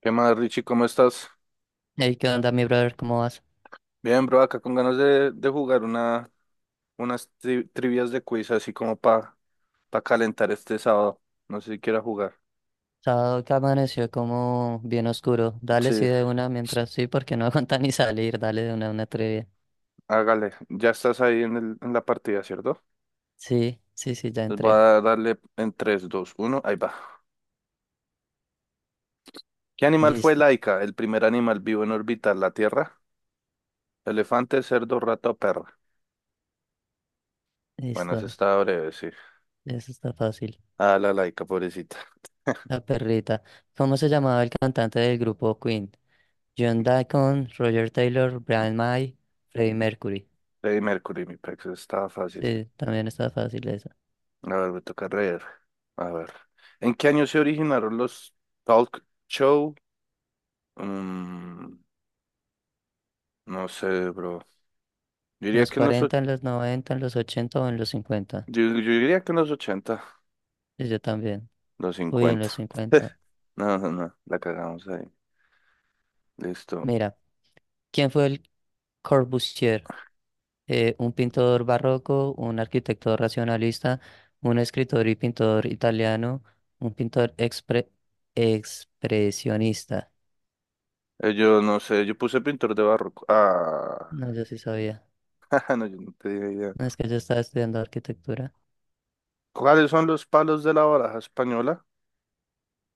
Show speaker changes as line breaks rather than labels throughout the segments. ¿Qué más, Richie? ¿Cómo estás?
Ey, ¿qué onda, mi brother? ¿Cómo vas?
Bien, bro, acá con ganas de jugar unas trivias de quiz, así como para calentar este sábado. No sé si quiera jugar.
Sábado que amaneció como bien oscuro. Dale, sí,
Sí,
de una mientras sí, porque no aguanta ni salir. Dale de una trivia.
hágale. Ya estás ahí en la partida, ¿cierto?
Sí, sí, sí, ya
Entonces voy
entré.
a darle en tres, dos, uno. Ahí va. ¿Qué animal fue
Listo,
la el primer animal vivo en orbitar la Tierra? Elefante, cerdo, rato, o perro. Bueno, ese
listo.
estaba breve, sí.
Eso está fácil.
Ah, la laica, pobrecita.
La perrita. ¿Cómo se llamaba el cantante del grupo Queen? John Deacon, Roger Taylor, Brian May, Freddie Mercury.
Freddie Mercury, mi pex, estaba fácil.
Sí, también está fácil esa.
A ver, me toca leer. A ver. ¿En qué año se originaron los talk show? Mm, no sé, bro. Yo
¿En
diría
los
que en los, och-
40, en los 90, en los 80 o en los 50?
yo diría que en los 80
Sí, yo también.
los
Uy, en
50.
los 50.
No, no, no, la cagamos ahí. Listo.
Mira, ¿quién fue el Corbusier? Un pintor barroco, un arquitecto racionalista, un escritor y pintor italiano, un pintor expresionista.
Yo no sé, yo puse pintor de barroco. Ah,
No, yo sí sabía.
No, yo no tenía idea.
No, es que yo estaba estudiando arquitectura.
¿Cuáles son los palos de la baraja española?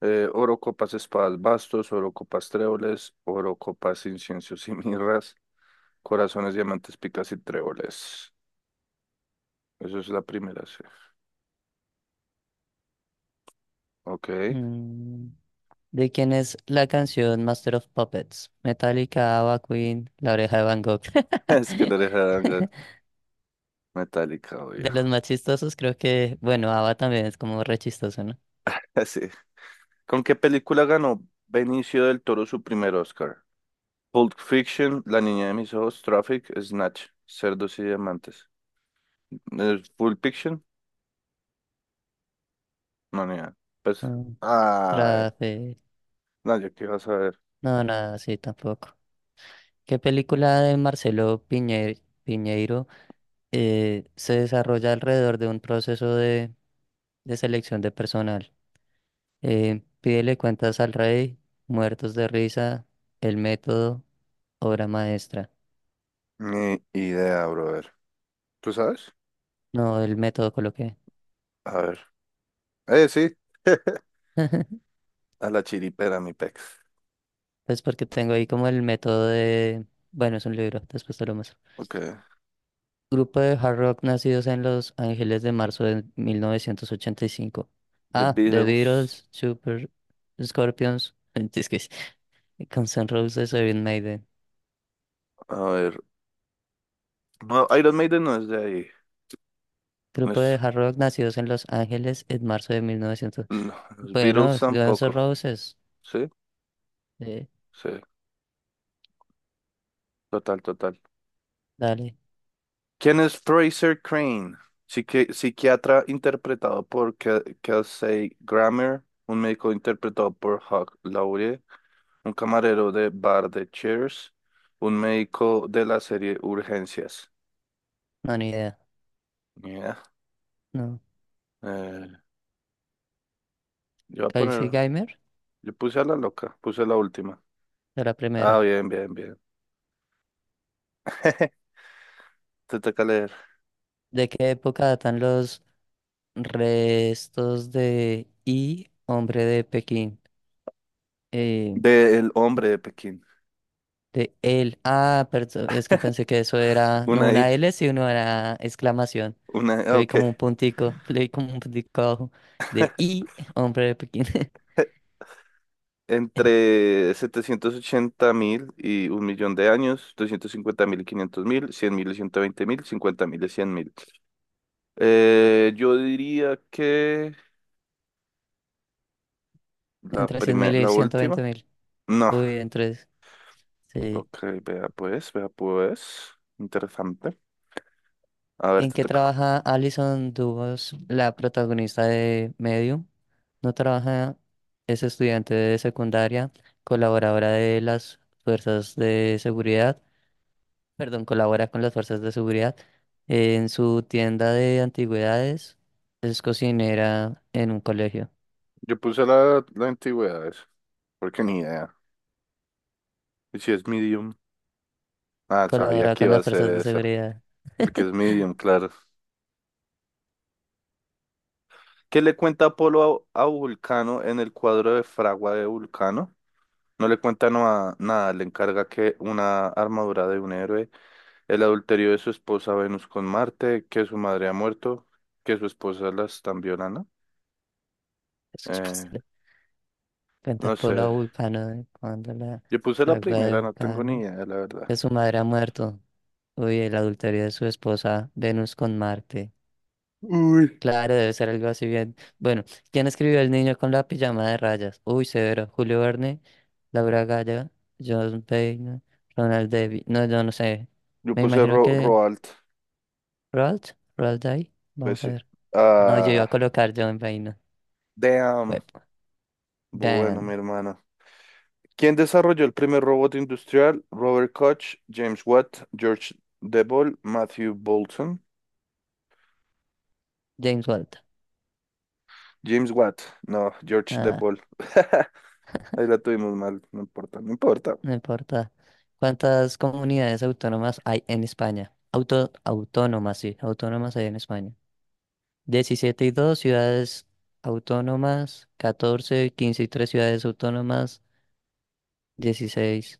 Oro, copas, espadas, bastos, oro, copas, tréboles, oro, copas, inciensos y mirras, corazones, diamantes, picas y tréboles. Eso es la primera, sí. Ok.
Mm, ¿De quién es la canción Master of Puppets? Metallica, Ava Queen, La Oreja de Van Gogh.
Es que la oreja de Van Gogh, metálica, obvio.
De los más chistosos creo que, bueno, Ava también es como re chistoso, ¿no?
Así. ¿Con qué película ganó Benicio del Toro su primer Oscar? Pulp Fiction, La niña de mis ojos, Traffic, Snatch, Cerdos y Diamantes. ¿Pulp Fiction? No, ni idea. Pues,
Mm,
ah,
Rafe,
no, yo qué iba a saber.
no, nada, sí, tampoco. ¿Qué película de Marcelo Piñeiro se desarrolla alrededor de un proceso de selección de personal? Pídele cuentas al rey, Muertos de risa, El método, obra maestra.
Ni idea, brother. ¿Tú sabes?
No, El método coloqué.
A ver. Sí. A la chiripera, mi pex.
Pues porque tengo ahí como el método de. Bueno, es un libro, después te lo muestro.
Ok.
Grupo de hard rock nacidos en Los Ángeles de marzo de 1985.
The
Ah, The
Beatles.
Beatles, Super Scorpions. Es que Guns N' Roses o Iron Maiden.
A ver. No, Iron Maiden no es de ahí. No
Grupo de
es
hard rock nacidos en Los Ángeles en marzo de 1900.
No, los
Bueno,
Beatles
Guns N'
tampoco.
Roses.
Sí,
eh,
sí, total, total.
dale,
¿Quién es Fraser Crane? Psiquiatra interpretado por Kelsey Grammer, un médico interpretado por Hugh Laurie, un camarero de bar de Cheers, un médico de la serie Urgencias.
no, ni idea.
Mira,
No.
eh, yo voy a poner,
Kelsey Geimer,
yo puse a la loca, puse la última.
de la
Ah,
primera.
bien, bien, bien. Te toca leer.
¿De qué época datan los restos de I, hombre de Pekín? Eh,
De El hombre de Pekín.
de él. Ah, perdón, es que pensé que eso era no
Una I,
una L, sino una exclamación. Le vi
ok.
como un puntico, le vi como un puntico abajo. De I, hombre de Pekín.
Entre 780.000 y un millón de años, 250.000 y 500.000, 100.000 y 120.000, 50.000 y 100.000. Yo diría que la
Entre 100.000
primera,
y
la
ciento veinte
última.
mil.
No,
Uy, entre. Sí.
ok, vea pues, vea pues. Interesante. A ver,
¿En
te
qué
toca.
trabaja Alison Dubos, la protagonista de Medium? No trabaja, es estudiante de secundaria, colaboradora de las fuerzas de seguridad, perdón, colabora con las fuerzas de seguridad en su tienda de antigüedades, es cocinera en un colegio,
Yo puse la antigüedad, eso, porque ni idea. ¿Y si es medium? Ah, sabía
colabora
que
con
iba a
las
ser
fuerzas de
esa,
seguridad.
porque es medium, claro. ¿Qué le cuenta Apolo a Vulcano en el cuadro de Fragua de Vulcano? No le cuenta nada, le encarga que una armadura de un héroe, el adulterio de su esposa Venus con Marte, que su madre ha muerto, que su esposa la están violando.
Eso es
Eh,
posible. Cuenta
no
Polo
sé,
a Vulcano de cuando la
yo puse la
fragua de
primera, no tengo ni
Vulcano,
idea, la verdad.
que su madre ha muerto. Uy, el adulterio de su esposa Venus con Marte.
Uy.
Claro, debe ser algo así bien. Bueno, ¿quién escribió El niño con la pijama de rayas? Uy, severo. Julio Verne, Laura Galla, John Payne, Ronald Davies. No, yo no sé.
Yo
Me
puse
imagino
Ro
que
Roald,
Roald Dahl. Vamos a
Bessie.
ver. No, yo iba a
Ah,
colocar John Payne.
damn.
Web.
Bueno, mi
Dan,
hermano. ¿Quién desarrolló el primer robot industrial? Robert Koch, James Watt, George Devol, Matthew Bolton.
James Walt.
James Watt, no, George The
Ah,
Ball. Ahí la tuvimos mal, no importa, no importa.
no importa. ¿Cuántas comunidades autónomas hay en España? Autónomas, sí, autónomas hay en España. 17 y 2 ciudades autónomas, 14 15 y 3 ciudades autónomas, 16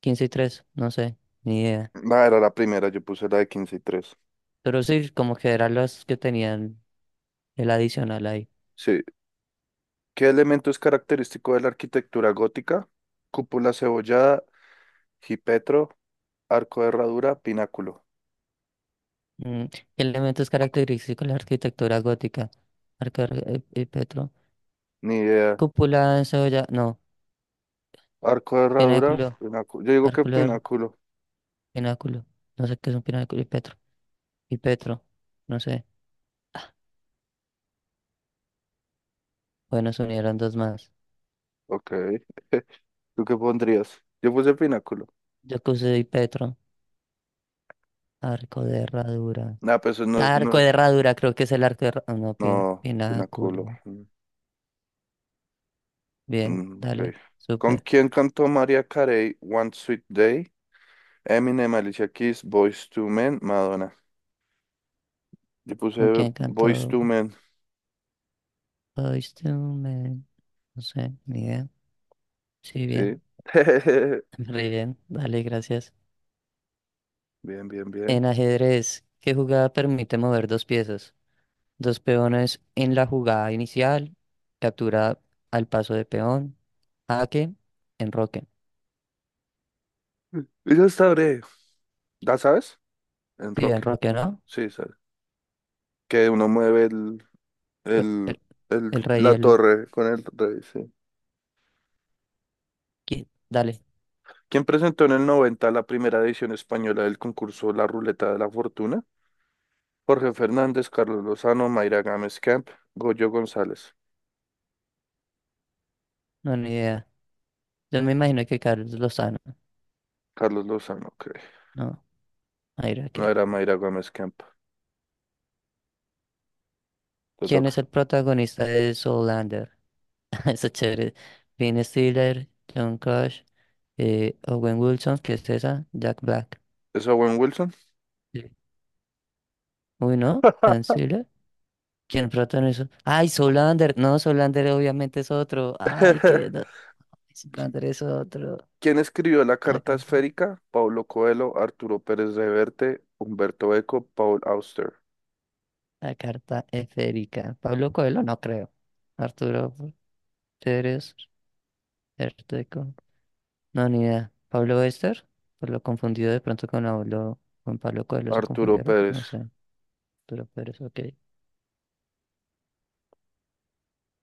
15 y tres, no sé, ni idea.
No, era la primera, yo puse la de 15 y tres.
Pero sí, como que eran las que tenían el adicional ahí.
Sí. ¿Qué elemento es característico de la arquitectura gótica? Cúpula cebollada, jipetro, arco de herradura, pináculo.
Mm, Elementos característicos de la arquitectura gótica. Petro.
Ni idea.
Cúpula encebollada, no,
Arco de herradura,
pináculo,
pináculo. Yo digo que
arcular,
pináculo.
pináculo. No sé qué es un pináculo y Petro. Y Petro, no sé. Bueno, se unieron dos más.
Ok. ¿Tú qué pondrías? Yo puse pináculo.
Yo puse y Petro, arco de herradura.
Nah, pues eso no, es,
Arco
no,
de herradura, creo que es el arco de herradura. No,
no,
pináculo.
pináculo.
Bien,
Ok.
dale,
¿Con
súper.
quién cantó María Carey One Sweet Day? Eminem, Alicia Keys, Boyz II Men, Madonna. Yo puse
¿Con quién
Boyz
cantó
II Men,
Boyz II Men? No sé, ni idea. Sí,
sí.
bien. Re bien, dale, gracias.
Bien, bien,
En
bien.
ajedrez, ¿qué jugada permite mover dos piezas? Dos peones en la jugada inicial, captura al paso de peón, jaque, enroque.
Y ya está breve. ¿Ya sabes?
Sí,
Enroque.
enroque, ¿no?
Sí, sabes. Que uno mueve
El,
el,
el- el rey y
la torre con el rey, sí.
dale,
¿Quién presentó en el 90 la primera edición española del concurso La Ruleta de la Fortuna? Jorge Fernández, Carlos Lozano, Mayra Gámez Camp, Goyo González.
no, ni idea. Yo me imagino que Carlos Lozano,
Carlos Lozano, ok.
¿no? Mira
No
que-
era Mayra Gómez Camp. Te
¿Quién
toca.
es el protagonista de Zoolander? Está chévere. Ben Stiller, John Crush, Owen Wilson, ¿qué es esa? Jack Black.
¿Es Owen Wilson?
Sí. Uy, ¿no? Ben Stiller. ¿Quién protagonizó? ¡Ay, Zoolander! No, Zoolander obviamente es otro. ¡Ay, qué no! Zoolander es otro.
¿Quién escribió la
La,
carta
ca-
esférica? Paulo Coelho, Arturo Pérez Reverte, Humberto Eco, Paul Auster.
la carta esférica. Pablo Coelho, no creo. Arturo Pérez, no, ni idea. ¿Pablo Bester? Por lo confundido de pronto con Pablo, Coelho se
Arturo
confundieron.
Pérez.
No sé, pero es ok.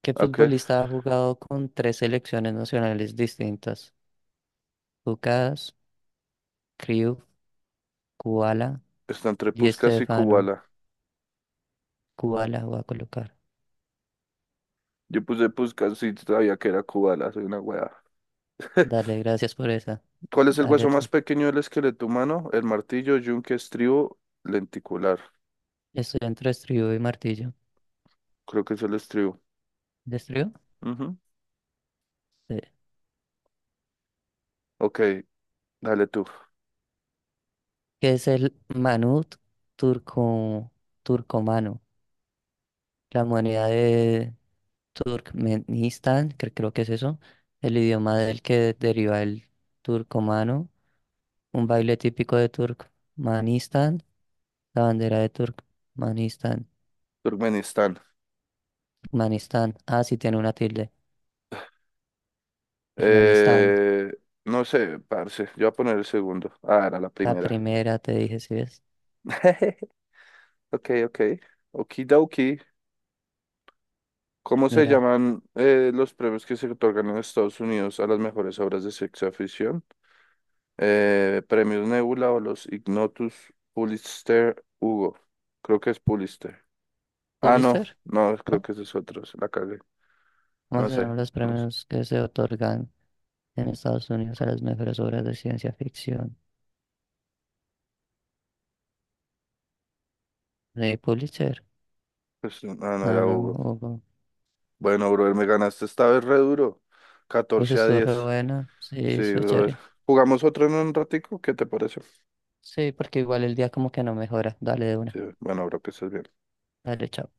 ¿Qué
¿A qué?
futbolista ha jugado con tres selecciones nacionales distintas? Lucas, Cruyff, Kubala,
Está entre
Di
Puskás y
Stefano.
Kubala.
Kubala voy a colocar.
Yo puse Puskás y sabía que era Kubala, soy una weá.
Dale, gracias por esa.
¿Cuál es el
Dale
hueso más
tú.
pequeño del esqueleto humano? El martillo, yunque, estribo, lenticular.
Estoy entre estribo y martillo.
Creo que es el estribo.
¿De estribo?
Ujú.
Sí.
Ok, dale tú.
¿Qué es el Manut turco, turcomano? La moneda de Turkmenistán, creo que es eso, el idioma del que deriva el turcomano, un baile típico de Turkmenistán, la bandera de Turkmenistán,
Turkmenistán.
Manistán. Ah, sí tiene una tilde, Turkmenistán,
Eh, no sé, parce. Yo voy a poner el segundo. Ah, era la
la
primera.
primera te dije, ¿sí ves?
Ok, ok. Okidoki. ¿Cómo se
Mira,
llaman los premios que se otorgan en Estados Unidos a las mejores obras de ciencia ficción? Premios Nebula o los Ignotus Pulitzer Hugo. Creo que es Pulitzer. Ah, no,
Pulitzer,
no, creo
¿no?
que ese es esos otros. La cagué. No
Vamos
sé,
a ver los
no sé.
premios que se otorgan en Estados Unidos a las mejores obras de ciencia ficción. ¿De Pulitzer?
Pues, no, no
Ah,
era
no,
Hugo.
Hugo.
Bueno, brother, me ganaste esta vez re duro.
Pues
14 a
estuvo re
diez.
buena, sí,
Sí,
estuvo
brother.
chévere.
¿Jugamos otro en un ratico? ¿Qué te parece?
Sí, porque igual el día como que no mejora. Dale de
Sí,
una.
bueno, bro, que estés bien.
Dale, chao.